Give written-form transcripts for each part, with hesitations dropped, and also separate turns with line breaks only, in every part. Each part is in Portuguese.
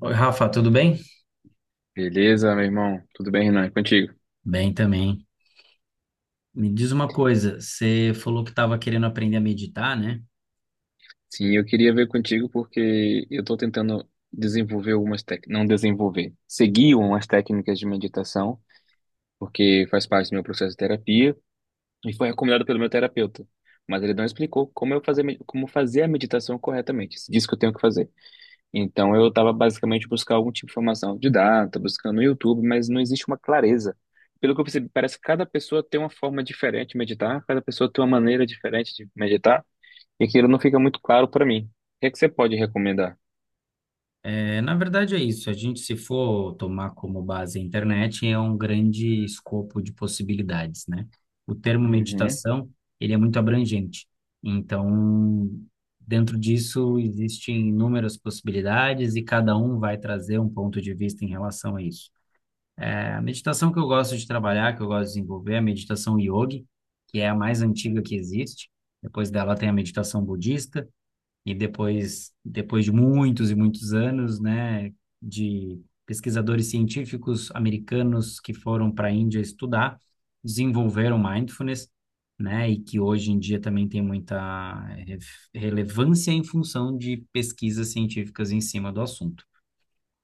Oi, Rafa, tudo bem?
Beleza, meu irmão? Tudo bem, Renan? E contigo?
Bem também. Me diz uma coisa, você falou que estava querendo aprender a meditar, né?
Sim, eu queria ver contigo porque eu estou tentando desenvolver algumas técnicas, não desenvolver, seguir umas técnicas de meditação, porque faz parte do meu processo de terapia e foi recomendado pelo meu terapeuta. Mas ele não explicou como eu fazer, como fazer a meditação corretamente. Disse que eu tenho que fazer. Então eu estava basicamente buscando algum tipo de informação didata, buscando no YouTube, mas não existe uma clareza. Pelo que eu percebi, parece que cada pessoa tem uma forma diferente de meditar, cada pessoa tem uma maneira diferente de meditar. E aquilo não fica muito claro para mim. O que é que você pode recomendar?
É, na verdade é isso, a gente se for tomar como base a internet, é um grande escopo de possibilidades, né? O termo
Uhum.
meditação, ele é muito abrangente. Então, dentro disso existem inúmeras possibilidades e cada um vai trazer um ponto de vista em relação a isso. A meditação que eu gosto de trabalhar, que eu gosto de desenvolver, é a meditação yogi, que é a mais antiga que existe. Depois dela tem a meditação budista, e depois, depois de muitos e muitos anos, né, de pesquisadores científicos americanos que foram para a Índia estudar, desenvolveram mindfulness, né, e que hoje em dia também tem muita relevância em função de pesquisas científicas em cima do assunto.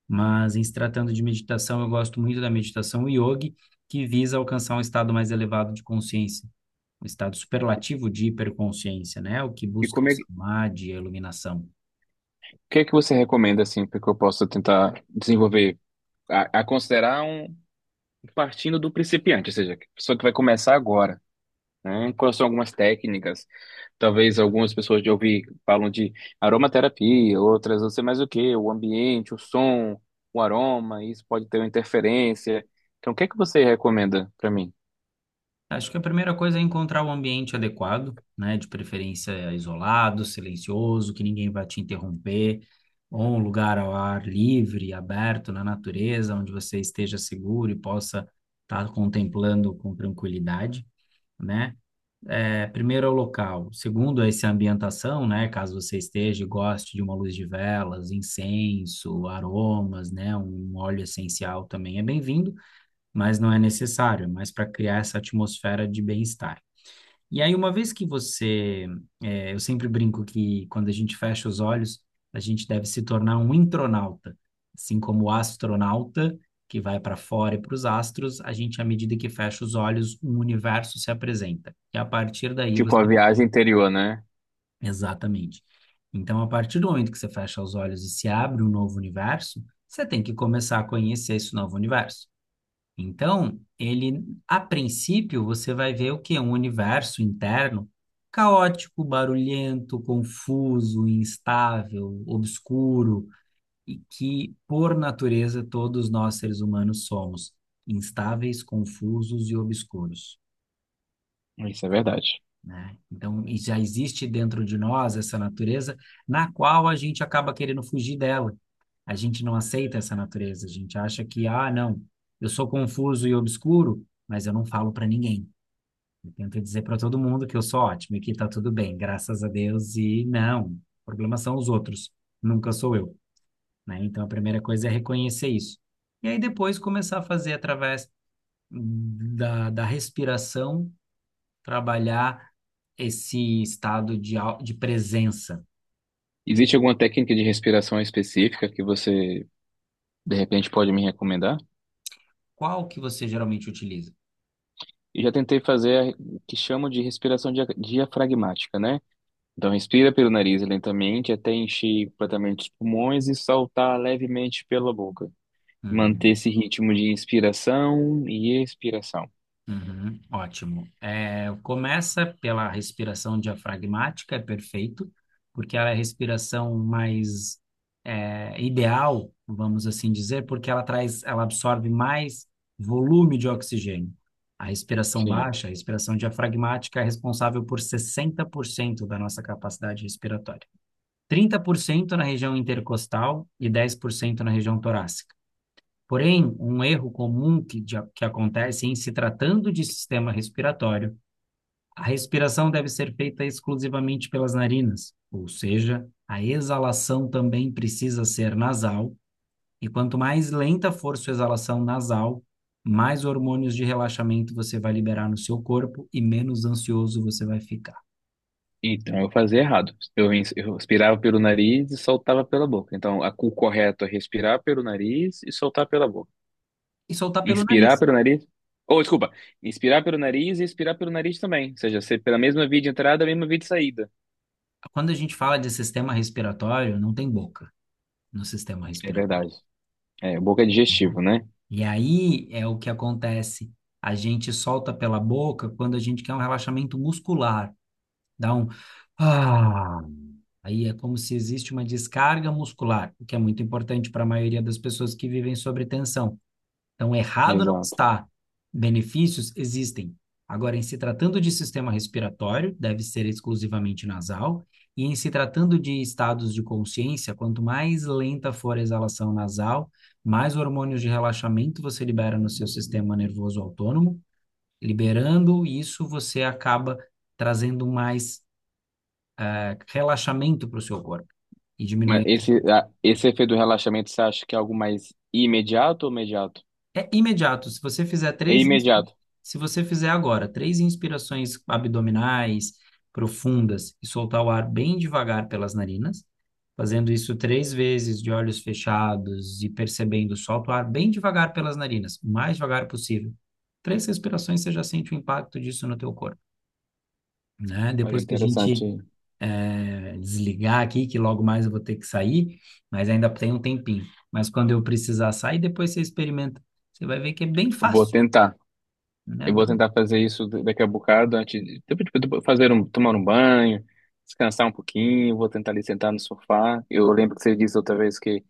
Mas em se tratando de meditação, eu gosto muito da meditação yogi, que visa alcançar um estado mais elevado de consciência, um estado superlativo de hiperconsciência, né? O que
E
busca
como
o
é que, o
samadhi, a iluminação.
que é que você recomenda assim para que eu possa tentar desenvolver a considerar um partindo do principiante, ou seja, a pessoa que vai começar agora, né? Quais são algumas técnicas? Talvez algumas pessoas de ouvir falam de aromaterapia, outras não sei mais o que, o ambiente, o som, o aroma, isso pode ter uma interferência. Então, o que é que você recomenda para mim?
Acho que a primeira coisa é encontrar o ambiente adequado, né? De preferência isolado, silencioso, que ninguém vai te interromper, ou um lugar ao ar livre, aberto, na natureza, onde você esteja seguro e possa estar contemplando com tranquilidade, né? Primeiro é o local, segundo é essa ambientação, né? Caso você esteja e goste de uma luz de velas, incenso, aromas, né? Um óleo essencial também é bem-vindo, mas não é necessário, é mais para criar essa atmosfera de bem-estar. E aí, uma vez que você, eu sempre brinco que quando a gente fecha os olhos, a gente deve se tornar um intronauta, assim como o astronauta que vai para fora e para os astros, a gente, à medida que fecha os olhos, um universo se apresenta. E a partir daí
Tipo a
você,
viagem interior, né?
exatamente. Então, a partir do momento que você fecha os olhos e se abre um novo universo, você tem que começar a conhecer esse novo universo. Então, ele, a princípio, você vai ver o quê? Um universo interno caótico, barulhento, confuso, instável, obscuro, e que, por natureza, todos nós seres humanos somos instáveis, confusos e obscuros,
Isso é verdade.
né? Então, e já existe dentro de nós essa natureza na qual a gente acaba querendo fugir dela. A gente não aceita essa natureza, a gente acha que, ah, não, eu sou confuso e obscuro, mas eu não falo para ninguém. Eu tento dizer para todo mundo que eu sou ótimo e que tá tudo bem, graças a Deus, e não, o problema são os outros, nunca sou eu, né? Então, a primeira coisa é reconhecer isso. E aí depois começar a fazer através da respiração, trabalhar esse estado de presença.
Existe alguma técnica de respiração específica que você, de repente, pode me recomendar?
Qual que você geralmente utiliza?
Eu já tentei fazer a que chamam de respiração diafragmática, né? Então, respira pelo nariz lentamente até encher completamente os pulmões e soltar levemente pela boca. Manter
Hum,
esse ritmo de inspiração e expiração.
uhum, ótimo. Começa pela respiração diafragmática, é perfeito, porque ela é a respiração mais ideal, vamos assim dizer, porque ela traz, ela absorve mais volume de oxigênio. A respiração
Sim.
baixa, a respiração diafragmática, é responsável por 60% da nossa capacidade respiratória. 30% na região intercostal e 10% na região torácica. Porém, um erro comum que, que acontece em se tratando de sistema respiratório, a respiração deve ser feita exclusivamente pelas narinas, ou seja, a exalação também precisa ser nasal, e quanto mais lenta for sua exalação nasal, mais hormônios de relaxamento você vai liberar no seu corpo e menos ansioso você vai ficar.
Então, eu fazia errado. Eu, eu expirava pelo nariz e soltava pela boca. Então, a, o correto é respirar pelo nariz e soltar pela boca.
E soltar pelo
Inspirar
nariz.
pelo nariz? Ou, desculpa, inspirar pelo nariz e expirar pelo nariz também. Ou seja, ser pela mesma via de entrada, a mesma via de saída.
Quando a gente fala de sistema respiratório, não tem boca no sistema
É
respiratório,
verdade. É, boca é
né?
digestivo, né?
E aí é o que acontece. A gente solta pela boca quando a gente quer um relaxamento muscular. Dá um. Ah, aí é como se existe uma descarga muscular, o que é muito importante para a maioria das pessoas que vivem sob tensão. Então, errado não
Exato.
está. Benefícios existem. Agora, em se tratando de sistema respiratório, deve ser exclusivamente nasal, e em se tratando de estados de consciência, quanto mais lenta for a exalação nasal, mais hormônios de relaxamento você libera no seu sistema nervoso autônomo. Liberando isso, você acaba trazendo mais, relaxamento para o seu corpo e
Mas
diminuindo a
esse,
ansiedade.
esse efeito do relaxamento, você acha que é algo mais imediato ou imediato?
É imediato. Se você fizer
É
três, ins-
imediato.
se você fizer agora 3 inspirações abdominais profundas e soltar o ar bem devagar pelas narinas, fazendo isso 3 vezes de olhos fechados e percebendo, solta o ar bem devagar pelas narinas, o mais devagar possível. 3 respirações você já sente o impacto disso no teu corpo, né?
Olha,
Depois que a gente
interessante.
desligar aqui, que logo mais eu vou ter que sair, mas ainda tem um tempinho. Mas quando eu precisar sair, depois você experimenta. Você vai ver que é bem
Vou
fácil,
tentar.
né?
Eu vou tentar fazer isso daqui a bocado, antes de tipo, fazer um, tomar um banho, descansar um pouquinho, vou tentar ali sentar no sofá. Eu lembro que você disse outra vez que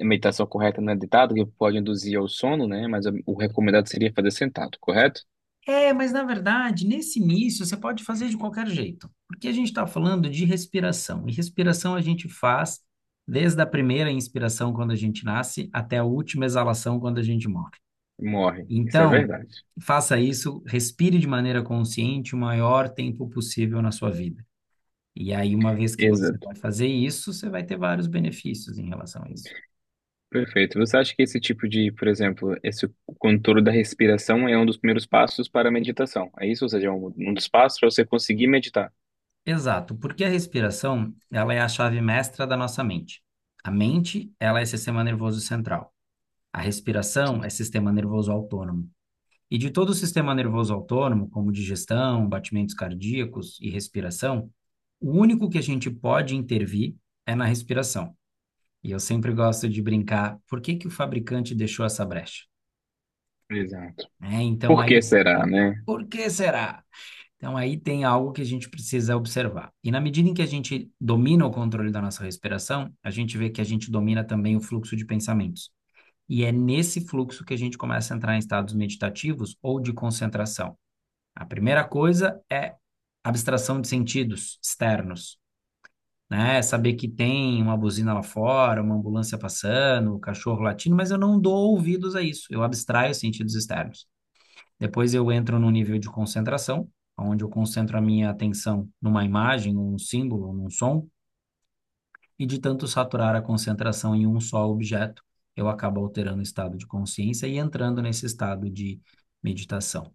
a meditação correta não é deitada, que pode induzir ao sono, né? Mas o recomendado seria fazer sentado, correto?
É, mas na verdade, nesse início, você pode fazer de qualquer jeito, porque a gente está falando de respiração, e respiração a gente faz desde a primeira inspiração quando a gente nasce até a última exalação quando a gente morre.
Morre. Isso é
Então,
verdade.
faça isso, respire de maneira consciente o maior tempo possível na sua vida. E aí, uma vez que você
Exato.
vai fazer isso, você vai ter vários benefícios em relação a isso.
Perfeito. Você acha que esse tipo de, por exemplo, esse controle da respiração é um dos primeiros passos para a meditação? É isso? Ou seja, é um, um dos passos para você conseguir meditar?
Exato, porque a respiração, ela é a chave mestra da nossa mente. A mente, ela é sistema nervoso central. A respiração é
Sim.
sistema nervoso autônomo. E de todo o sistema nervoso autônomo, como digestão, batimentos cardíacos e respiração, o único que a gente pode intervir é na respiração. E eu sempre gosto de brincar, por que que o fabricante deixou essa brecha,
Exato.
né? Então
Por que
aí,
será, né?
por que será? Então, aí tem algo que a gente precisa observar. E na medida em que a gente domina o controle da nossa respiração, a gente vê que a gente domina também o fluxo de pensamentos. E é nesse fluxo que a gente começa a entrar em estados meditativos ou de concentração. A primeira coisa é abstração de sentidos externos, né? É saber que tem uma buzina lá fora, uma ambulância passando, o cachorro latindo, mas eu não dou ouvidos a isso, eu abstraio os sentidos externos. Depois eu entro no nível de concentração, onde eu concentro a minha atenção numa imagem, num símbolo, num som, e de tanto saturar a concentração em um só objeto, eu acabo alterando o estado de consciência e entrando nesse estado de meditação.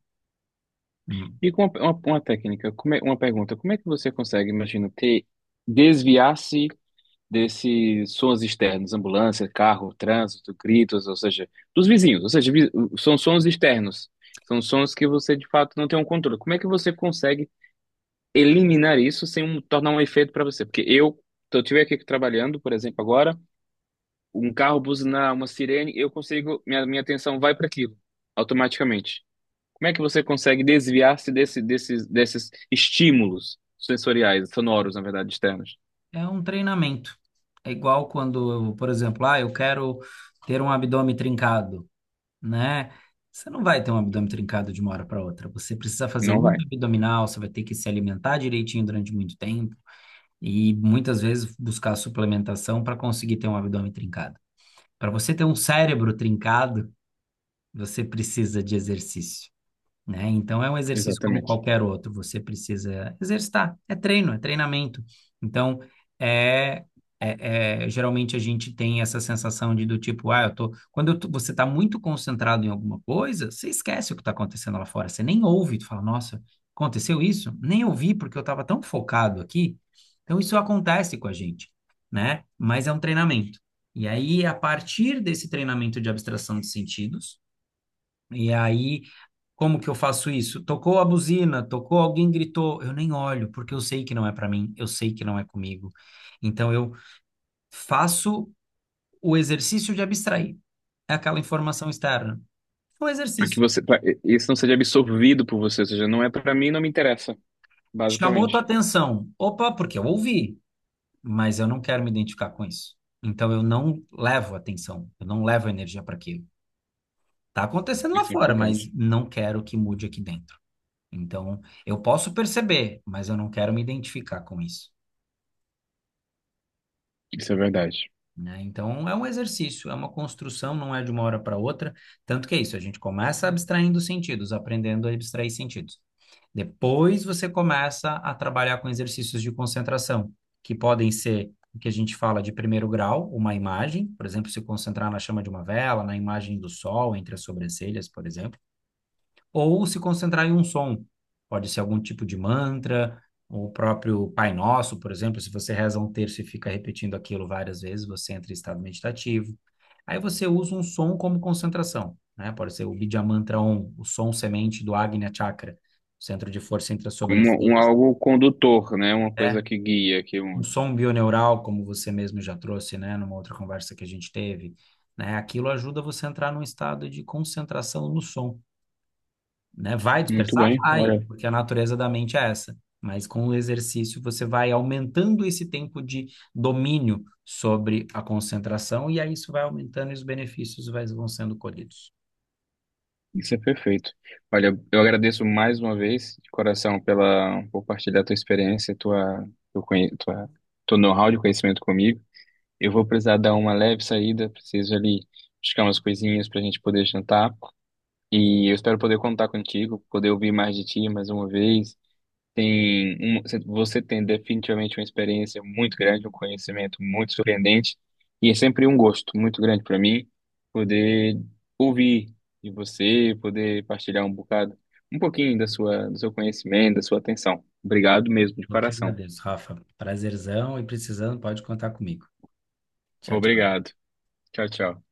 Hum,
E com uma técnica, como é, uma pergunta, como é que você consegue, imagina, ter, desviar-se desses sons externos, ambulância, carro, trânsito, gritos, ou seja, dos vizinhos, ou seja, são sons externos, são sons que você de fato não tem um controle. Como é que você consegue eliminar isso sem tornar um efeito para você? Porque eu estiver aqui trabalhando, por exemplo, agora, um carro buzinar, uma sirene, eu consigo, minha atenção vai para aquilo, automaticamente. Como é que você consegue desviar-se desse, desses, desses estímulos sensoriais, sonoros, na verdade, externos?
É um treinamento. É igual quando, por exemplo, ah, eu quero ter um abdômen trincado, né? Você não vai ter um abdômen trincado de uma hora para outra. Você precisa fazer
Não
muito
vai,
abdominal, você vai ter que se alimentar direitinho durante muito tempo, e muitas vezes buscar suplementação para conseguir ter um abdômen trincado. Para você ter um cérebro trincado, você precisa de exercício, né? Então é um exercício como
exatamente.
qualquer outro, você precisa exercitar, é treino, é treinamento. Então é, geralmente a gente tem essa sensação de do tipo, ah, eu tô, quando eu tô- você está muito concentrado em alguma coisa, você esquece o que está acontecendo lá fora, você nem ouve, tu fala, nossa, aconteceu isso? Nem ouvi porque eu estava tão focado aqui. Então isso acontece com a gente, né? Mas é um treinamento. E aí, a partir desse treinamento de abstração de sentidos, e aí como que eu faço isso? Tocou a buzina, tocou, alguém gritou, eu nem olho, porque eu sei que não é para mim, eu sei que não é comigo. Então eu faço o exercício de abstrair é aquela informação externa. É um
Para que
exercício.
você, pra, isso não seja absorvido por você, ou seja, não é para mim, não me interessa,
Chamou tua
basicamente.
atenção. Opa, porque eu ouvi, mas eu não quero me identificar com isso. Então eu não levo atenção, eu não levo energia para aquilo. Tá acontecendo lá
Isso é
fora, mas
importante.
não quero que mude aqui dentro. Então eu posso perceber, mas eu não quero me identificar com isso.
Isso é verdade.
Né? Então é um exercício, é uma construção, não é de uma hora para outra. Tanto que é isso, a gente começa abstraindo sentidos, aprendendo a abstrair sentidos. Depois você começa a trabalhar com exercícios de concentração, que podem ser o que a gente fala de primeiro grau, uma imagem, por exemplo, se concentrar na chama de uma vela, na imagem do sol entre as sobrancelhas, por exemplo, ou se concentrar em um som. Pode ser algum tipo de mantra, o próprio Pai Nosso, por exemplo, se você reza um terço e fica repetindo aquilo várias vezes, você entra em estado meditativo. Aí você usa um som como concentração, né? Pode ser o Vidya Mantra Om, o som semente do Agnya Chakra, centro de força entre as
Como um,
sobrancelhas.
algo condutor, né? Uma
Né?
coisa que guia, que
Um
une.
som bioneural, como você mesmo já trouxe, né, numa outra conversa que a gente teve, né? Aquilo ajuda você a entrar num estado de concentração no som. Né? Vai
Muito
dispersar?
bem,
Vai,
olha,
porque a natureza da mente é essa. Mas com o exercício você vai aumentando esse tempo de domínio sobre a concentração e aí isso vai aumentando e os benefícios vão sendo colhidos.
isso é perfeito. Olha, eu agradeço mais uma vez, de coração, pela por compartilhar tua experiência, tua, teu, tua, teu know-how de conhecimento comigo. Eu vou precisar dar uma leve saída, preciso ali buscar umas coisinhas para a gente poder jantar. E eu espero poder contar contigo, poder ouvir mais de ti mais uma vez. Tem um, você tem definitivamente uma experiência muito grande, um conhecimento muito surpreendente. E é sempre um gosto muito grande para mim poder ouvir de você, poder partilhar um bocado, um pouquinho da sua, do seu conhecimento, da sua atenção. Obrigado mesmo, de
Eu que
coração.
agradeço, Rafa. Prazerzão e precisando, pode contar comigo. Tchau, tchau.
Obrigado. Tchau, tchau.